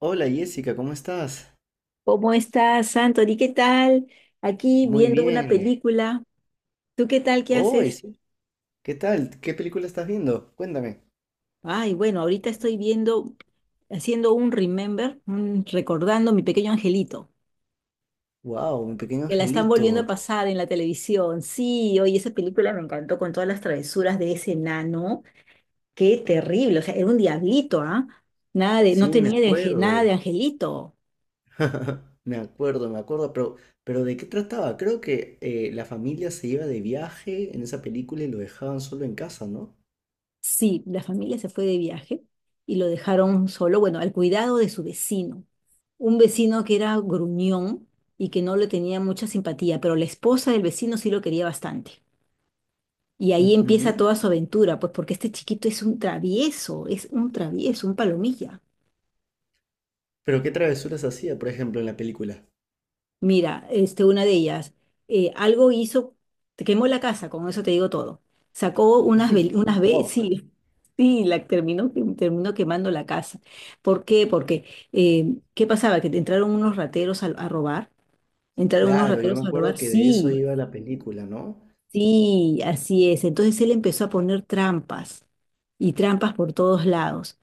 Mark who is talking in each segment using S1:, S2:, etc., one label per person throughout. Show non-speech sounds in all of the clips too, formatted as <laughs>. S1: Hola Jessica, ¿cómo estás?
S2: ¿Cómo estás, Anthony? ¿Qué tal? Aquí
S1: Muy
S2: viendo una
S1: bien.
S2: película. ¿Tú qué tal? ¿Qué
S1: Oh,
S2: haces?
S1: sí, ¿Qué tal? ¿Qué película estás viendo? Cuéntame.
S2: Ay, bueno, ahorita estoy viendo, haciendo un remember, recordando mi pequeño angelito,
S1: Wow, mi pequeño
S2: que la están volviendo a
S1: angelito.
S2: pasar en la televisión. Sí, oye, esa película me encantó con todas las travesuras de ese enano. Qué terrible, o sea, era un diablito, ¿ah? Nada de, no
S1: Sí, me
S2: tenía de, nada de
S1: acuerdo.
S2: angelito.
S1: <laughs> Me acuerdo, pero ¿de qué trataba? Creo que la familia se iba de viaje en esa película y lo dejaban solo en casa, ¿no?
S2: Sí, la familia se fue de viaje y lo dejaron solo, bueno, al cuidado de su vecino. Un vecino que era gruñón y que no le tenía mucha simpatía, pero la esposa del vecino sí lo quería bastante. Y ahí empieza
S1: Ujú.
S2: toda su aventura, pues porque este chiquito es un travieso, un palomilla.
S1: Pero ¿qué travesuras hacía, por ejemplo, en la película?
S2: Mira, este, una de ellas, algo hizo, te quemó la casa, con eso te digo todo. Sacó unas, unas
S1: Wow.
S2: sí, <laughs> sí, la terminó, terminó quemando la casa. ¿Por qué? Porque, ¿qué pasaba? Que entraron unos rateros a robar, entraron unos
S1: Claro, yo me
S2: rateros a
S1: acuerdo
S2: robar,
S1: que de eso
S2: sí.
S1: iba la película, ¿no?
S2: Sí, así es. Entonces él empezó a poner trampas y trampas por todos lados.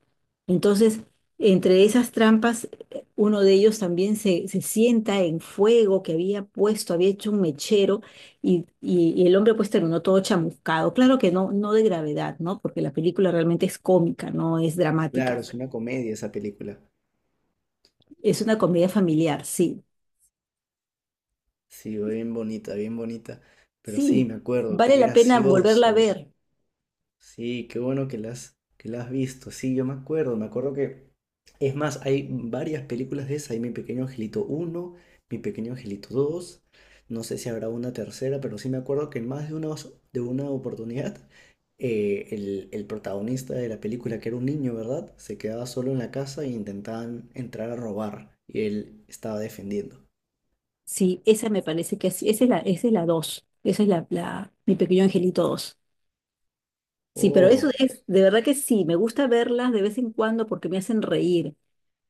S2: Entonces, entre esas trampas, uno de ellos también se sienta en fuego que había puesto, había hecho un mechero y, y el hombre pues terminó todo chamuscado. Claro que no, no de gravedad, ¿no? Porque la película realmente es cómica, no es
S1: Claro,
S2: dramática.
S1: es una comedia esa película.
S2: Es una comedia familiar, sí.
S1: Sí, bien bonita, bien bonita. Pero sí,
S2: Sí,
S1: me acuerdo, qué
S2: vale la pena volverla a
S1: gracioso.
S2: ver.
S1: Sí, qué bueno que que la has visto. Sí, yo me acuerdo que... Es más, hay varias películas de esa. Hay Mi Pequeño Angelito uno, Mi Pequeño Angelito dos. No sé si habrá una tercera, pero sí me acuerdo que en más de una, de una oportunidad, el protagonista de la película, que era un niño, ¿verdad? Se quedaba solo en la casa e intentaban entrar a robar. Y él estaba defendiendo.
S2: Sí, esa me parece que sí, esa es la dos, esa es la, mi pequeño angelito dos. Sí, pero eso
S1: Oh.
S2: es, de verdad que sí, me gusta verlas de vez en cuando porque me hacen reír,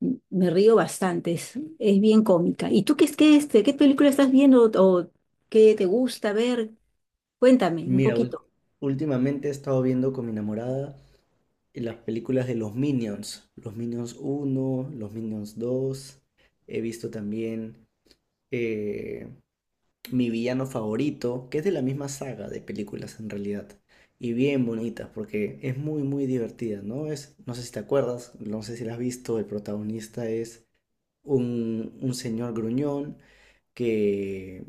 S2: me río bastante, es bien cómica. ¿Y tú qué es que este, qué película estás viendo o qué te gusta ver? Cuéntame un
S1: Mira,
S2: poquito.
S1: últimamente he estado viendo con mi enamorada las películas de los Minions uno, los Minions dos. He visto también eh, mi villano favorito, que es de la misma saga de películas en realidad, y bien bonitas porque es muy, muy divertida, ¿no? Es, no sé si te acuerdas, no sé si la has visto, el protagonista es un señor gruñón que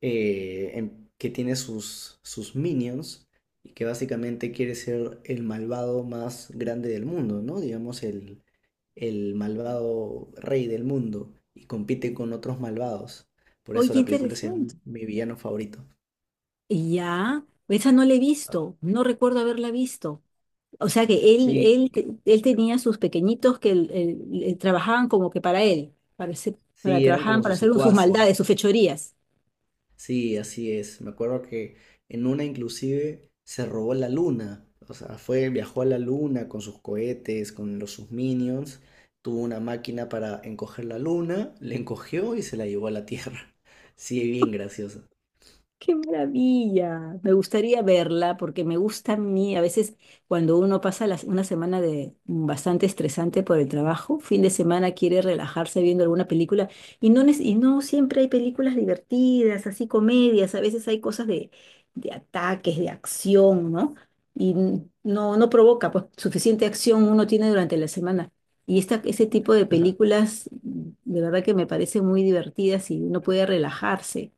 S1: que tiene sus minions y que básicamente quiere ser el malvado más grande del mundo, ¿no? Digamos, el malvado rey del mundo y compite con otros malvados. Por
S2: Oye,
S1: eso
S2: qué
S1: la película se
S2: interesante.
S1: llama Mi villano favorito.
S2: Y ya, esa no la he visto, no recuerdo haberla visto. O sea que él,
S1: Sí,
S2: él, él tenía sus pequeñitos que él trabajaban como que para él, para, para
S1: sí, eran
S2: trabajaban
S1: como
S2: para
S1: sus
S2: hacer sus
S1: secuaces.
S2: maldades, sus fechorías.
S1: Sí, así es. Me acuerdo que en una inclusive se robó la luna. O sea, fue, viajó a la luna con sus cohetes, con los sus minions. Tuvo una máquina para encoger la luna, la encogió y se la llevó a la Tierra. <laughs> Sí, bien graciosa.
S2: Qué maravilla. Me gustaría verla porque me gusta a mí. A veces cuando uno pasa una semana de bastante estresante por el trabajo, fin de semana quiere relajarse viendo alguna película y no, y no siempre hay películas divertidas, así comedias. A veces hay cosas de ataques, de acción, ¿no? Y no, no provoca, pues suficiente acción uno tiene durante la semana. Y esta, ese tipo de películas de verdad que me parecen muy divertidas y uno puede relajarse.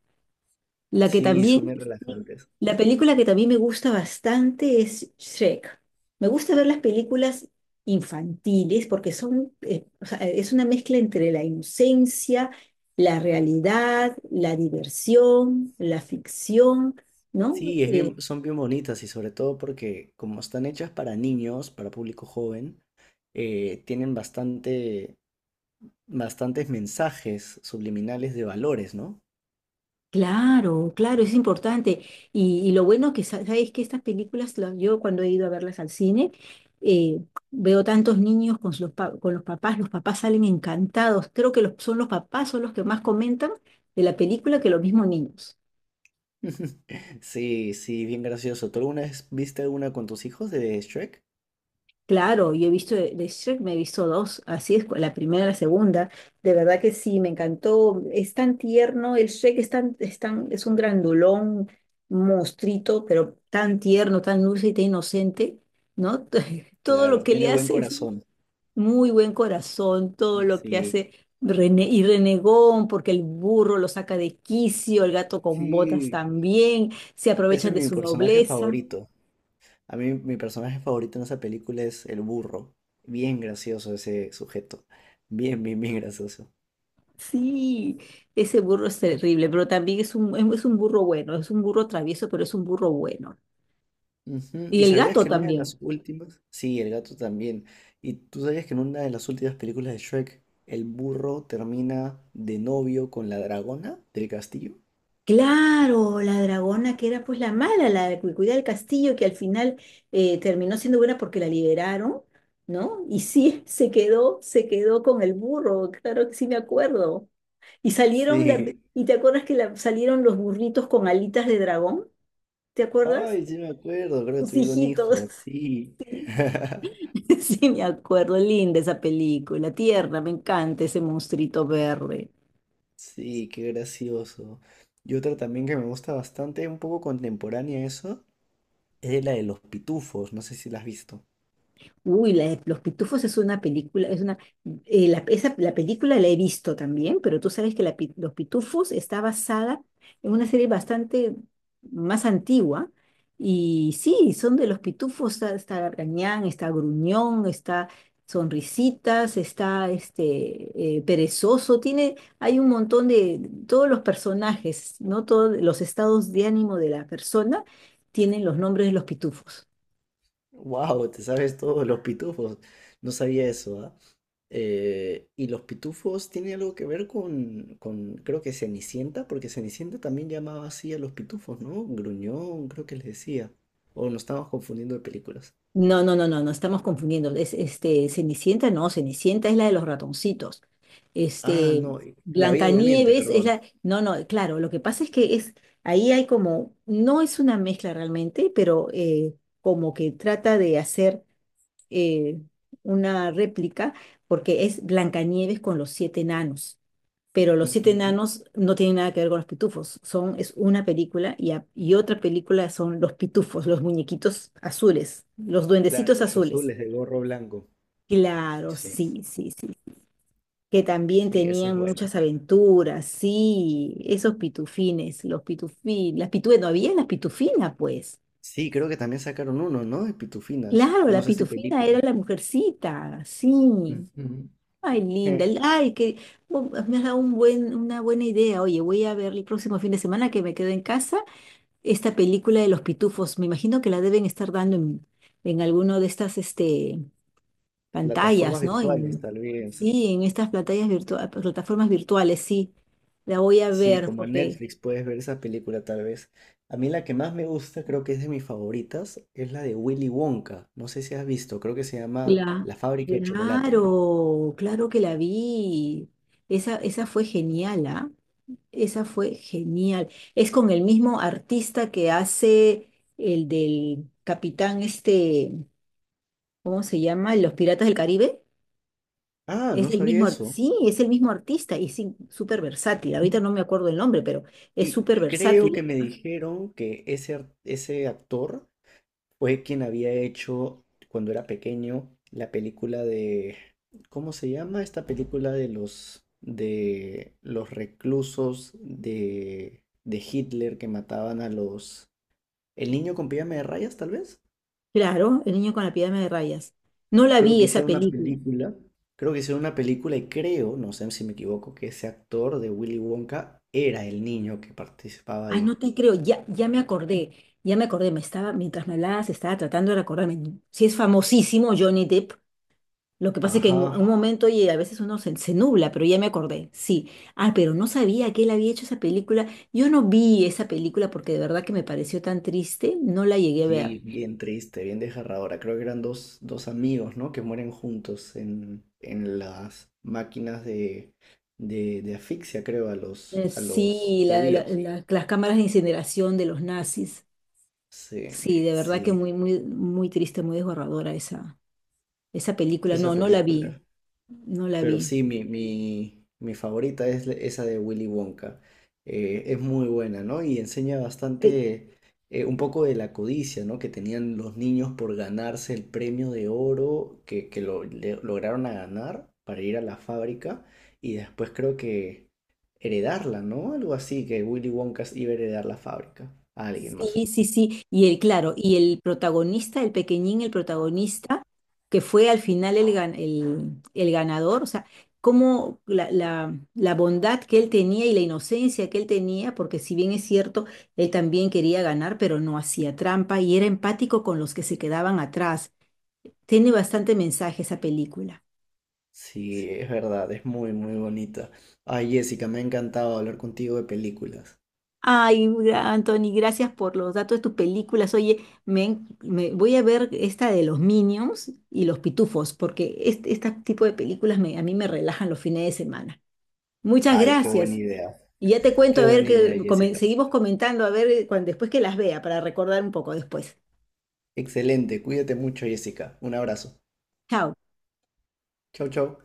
S2: La que
S1: Sí,
S2: también,
S1: son bien
S2: sí. Sí,
S1: relajantes.
S2: la película que también me gusta bastante es Shrek. Me gusta ver las películas infantiles porque son, o sea, es una mezcla entre la inocencia, la realidad, la diversión, la ficción, ¿no?
S1: Sí, es bien, son bien bonitas y sobre todo porque como están hechas para niños, para público joven, eh, tienen bastante, bastantes mensajes subliminales de valores, ¿no?
S2: Claro, claro, es importante. Y lo bueno que sabes que estas películas, la- yo cuando he ido a verlas al cine, eh, veo tantos niños con los, con los papás salen encantados. Creo que son los papás, son los que más comentan de la película que los mismos niños.
S1: <laughs> Sí, sí, bien gracioso. ¿Tú alguna vez viste una con tus hijos de Shrek?
S2: Claro, yo he visto de Shrek, me he visto dos, así es, la primera y la segunda. De verdad que sí, me encantó. Es tan tierno, el Shrek es tan, es un grandulón, monstruito, pero tan tierno, tan dulce y tan inocente, ¿no? <laughs> Todo lo
S1: Claro,
S2: que le
S1: tiene buen
S2: hace es
S1: corazón.
S2: muy buen corazón, todo lo que
S1: Sí,
S2: hace y renegón, porque el burro lo saca de quicio, el gato con botas
S1: sí,
S2: también, se
S1: ese
S2: aprovechan
S1: es
S2: de
S1: mi
S2: su
S1: personaje
S2: nobleza.
S1: favorito. A mí mi personaje favorito en esa película es el burro. Bien gracioso ese sujeto. Bien, gracioso.
S2: Sí, ese burro es terrible, pero también es un, es un burro bueno, es un burro travieso, pero es un burro bueno.
S1: Ujú,
S2: Y
S1: ¿Y
S2: el
S1: sabías
S2: gato
S1: que en una de las
S2: también.
S1: últimas? Sí, el gato también. ¿Y tú sabías que en una de las últimas películas de Shrek, el burro termina de novio con la dragona del castillo?
S2: Claro, la dragona que era pues la mala, la que cuidaba el castillo, que al final terminó siendo buena porque la liberaron, ¿no? Y sí, <laughs> se quedó con el burro, claro que sí me acuerdo. Y salieron,
S1: Sí.
S2: ¿y te acuerdas que salieron los burritos con alitas de dragón? ¿Te acuerdas?
S1: Ay, sí me acuerdo, creo que
S2: Sus
S1: tuvieron
S2: hijitos.
S1: hijos, sí. <laughs>
S2: <laughs> Sí, me acuerdo, linda esa película, tierna, me encanta ese monstruito verde.
S1: Sí, qué gracioso. Y otra también que me gusta bastante, un poco contemporánea a eso, es la de los pitufos, no sé si la has visto.
S2: Uy, la Los Pitufos es una película, es una, la, la película la he visto también, pero tú sabes que la Los Pitufos está basada en una serie bastante más antigua. Y sí, son de los pitufos, está, está Gargañán, está Gruñón, está Sonrisitas, está este Perezoso, tiene, hay un montón de, todos los personajes, ¿no? Todos los estados de ánimo de la persona tienen los nombres de los pitufos.
S1: Wow, te sabes todo los pitufos. No sabía eso, ¿ah? Y los pitufos tiene algo que ver con, creo que Cenicienta, porque Cenicienta también llamaba así a los pitufos, ¿no? Gruñón, creo que les decía. O nos estamos confundiendo de películas.
S2: No, no, no, no, no estamos confundiendo. Es, este, Cenicienta, no, Cenicienta es la de los ratoncitos.
S1: Ah,
S2: Este,
S1: no, La Bella Durmiente,
S2: Blancanieves es
S1: perdón.
S2: la. No, no, claro, lo que pasa es que es, ahí hay como, no es una mezcla realmente, pero como que trata de hacer eh, una réplica, porque es Blancanieves con los siete enanos, pero Los Siete
S1: Ujú,
S2: Enanos no tiene nada que ver con los pitufos. Son, es una película y, y otra película son los pitufos, los muñequitos azules, los
S1: Claro,
S2: duendecitos
S1: los
S2: azules.
S1: azules de gorro blanco.
S2: Claro,
S1: Sí.
S2: sí, sí, sí. Que también
S1: Sí, esa es
S2: tenían
S1: buena.
S2: muchas aventuras, sí, esos pitufines, los pitufines, las pitufines, no había las pitufinas pues.
S1: Sí, creo que también sacaron uno, ¿no? De Pitufinas.
S2: Claro,
S1: No
S2: la
S1: sé si
S2: pitufina era
S1: película.
S2: la mujercita, sí.
S1: Ujú.
S2: Ay, linda,
S1: Eh,
S2: ay, que me has dado un buen, una buena idea. Oye, voy a ver el próximo fin de semana que me quedo en casa esta película de los pitufos. Me imagino que la deben estar dando en alguno de estas este,
S1: Plataformas
S2: pantallas, ¿no?
S1: virtuales,
S2: En,
S1: tal vez.
S2: sí, en estas plataformas virtuales, sí. La voy a
S1: Sí,
S2: ver
S1: como en
S2: porque
S1: Netflix puedes ver esa película, tal vez. A mí la que más me gusta, creo que es de mis favoritas, es la de Willy Wonka. No sé si has visto, creo que se llama
S2: la,
S1: La fábrica de chocolate, ¿no?
S2: claro, claro que la vi. Esa fue genial, ¿ah? Esa fue genial. Es con el mismo artista que hace el del capitán, este, ¿cómo se llama? Los Piratas del Caribe.
S1: Ah,
S2: Es
S1: no
S2: el
S1: sabía
S2: mismo,
S1: eso.
S2: sí, es el mismo artista y sí, súper versátil. Ahorita no me acuerdo el nombre, pero es
S1: Y
S2: súper
S1: creo
S2: versátil.
S1: que me dijeron que ese actor fue quien había hecho cuando era pequeño la película de, ¿cómo se llama esta película de los reclusos de Hitler que mataban a los El niño con pijama de rayas, tal vez?
S2: Claro, El Niño con la Pijama de Rayas. No la
S1: Creo
S2: vi
S1: que
S2: esa
S1: hicieron una
S2: película.
S1: película, Creo que hicieron una película y creo, no sé si me equivoco, que ese actor de Willy Wonka era el niño que participaba
S2: Ah, no
S1: ahí.
S2: te creo, ya, ya me acordé, me estaba, mientras me hablabas, estaba tratando de acordarme. Sí, es famosísimo Johnny Depp. Lo que pasa es que en un
S1: Ajá.
S2: momento, oye, a veces uno se, se nubla, pero ya me acordé, sí. Ah, pero no sabía que él había hecho esa película. Yo no vi esa película porque de verdad que me pareció tan triste, no la llegué a ver.
S1: Sí, bien triste, bien desgarradora. Creo que eran dos, dos amigos, ¿no? Que mueren juntos en las máquinas de asfixia, creo, a a los
S2: Sí,
S1: judíos.
S2: las cámaras de incineración de los nazis.
S1: Sí,
S2: Sí, de verdad que
S1: sí,
S2: muy, muy, muy triste, muy desgarradora esa, esa película. No,
S1: esa
S2: no la
S1: película.
S2: vi, no la
S1: Pero
S2: vi.
S1: sí, mi favorita es esa de Willy Wonka. Es muy buena, ¿no? Y enseña
S2: Eh,
S1: bastante un poco de la codicia, ¿no? Que tenían los niños por ganarse el premio de oro que lograron a ganar para ir a la fábrica y después creo que heredarla, ¿no? Algo así, que Willy Wonka iba a heredar la fábrica a alguien más.
S2: Sí, sí, sí. Y el, claro, y el protagonista, el pequeñín, el protagonista, que fue al final el, el ganador, o sea, cómo la, la, la bondad que él tenía y la inocencia que él tenía, porque si bien es cierto, él también quería ganar, pero no hacía trampa y era empático con los que se quedaban atrás. Tiene bastante mensaje esa película.
S1: Sí, es verdad, es muy, muy bonita. Ay, Jessica, me ha encantado hablar contigo de películas.
S2: Ay, Anthony, gracias por los datos de tus películas. Oye, me, voy a ver esta de los Minions y los Pitufos, porque este tipo de películas a mí me relajan los fines de semana. Muchas
S1: Ay, qué buena
S2: gracias.
S1: idea.
S2: Y ya te cuento,
S1: Qué
S2: a ver,
S1: buena idea,
S2: que
S1: Jessica.
S2: seguimos comentando, a ver, después que las vea, para recordar un poco después.
S1: Excelente. Cuídate mucho, Jessica. Un abrazo.
S2: Chao.
S1: Chau, chau.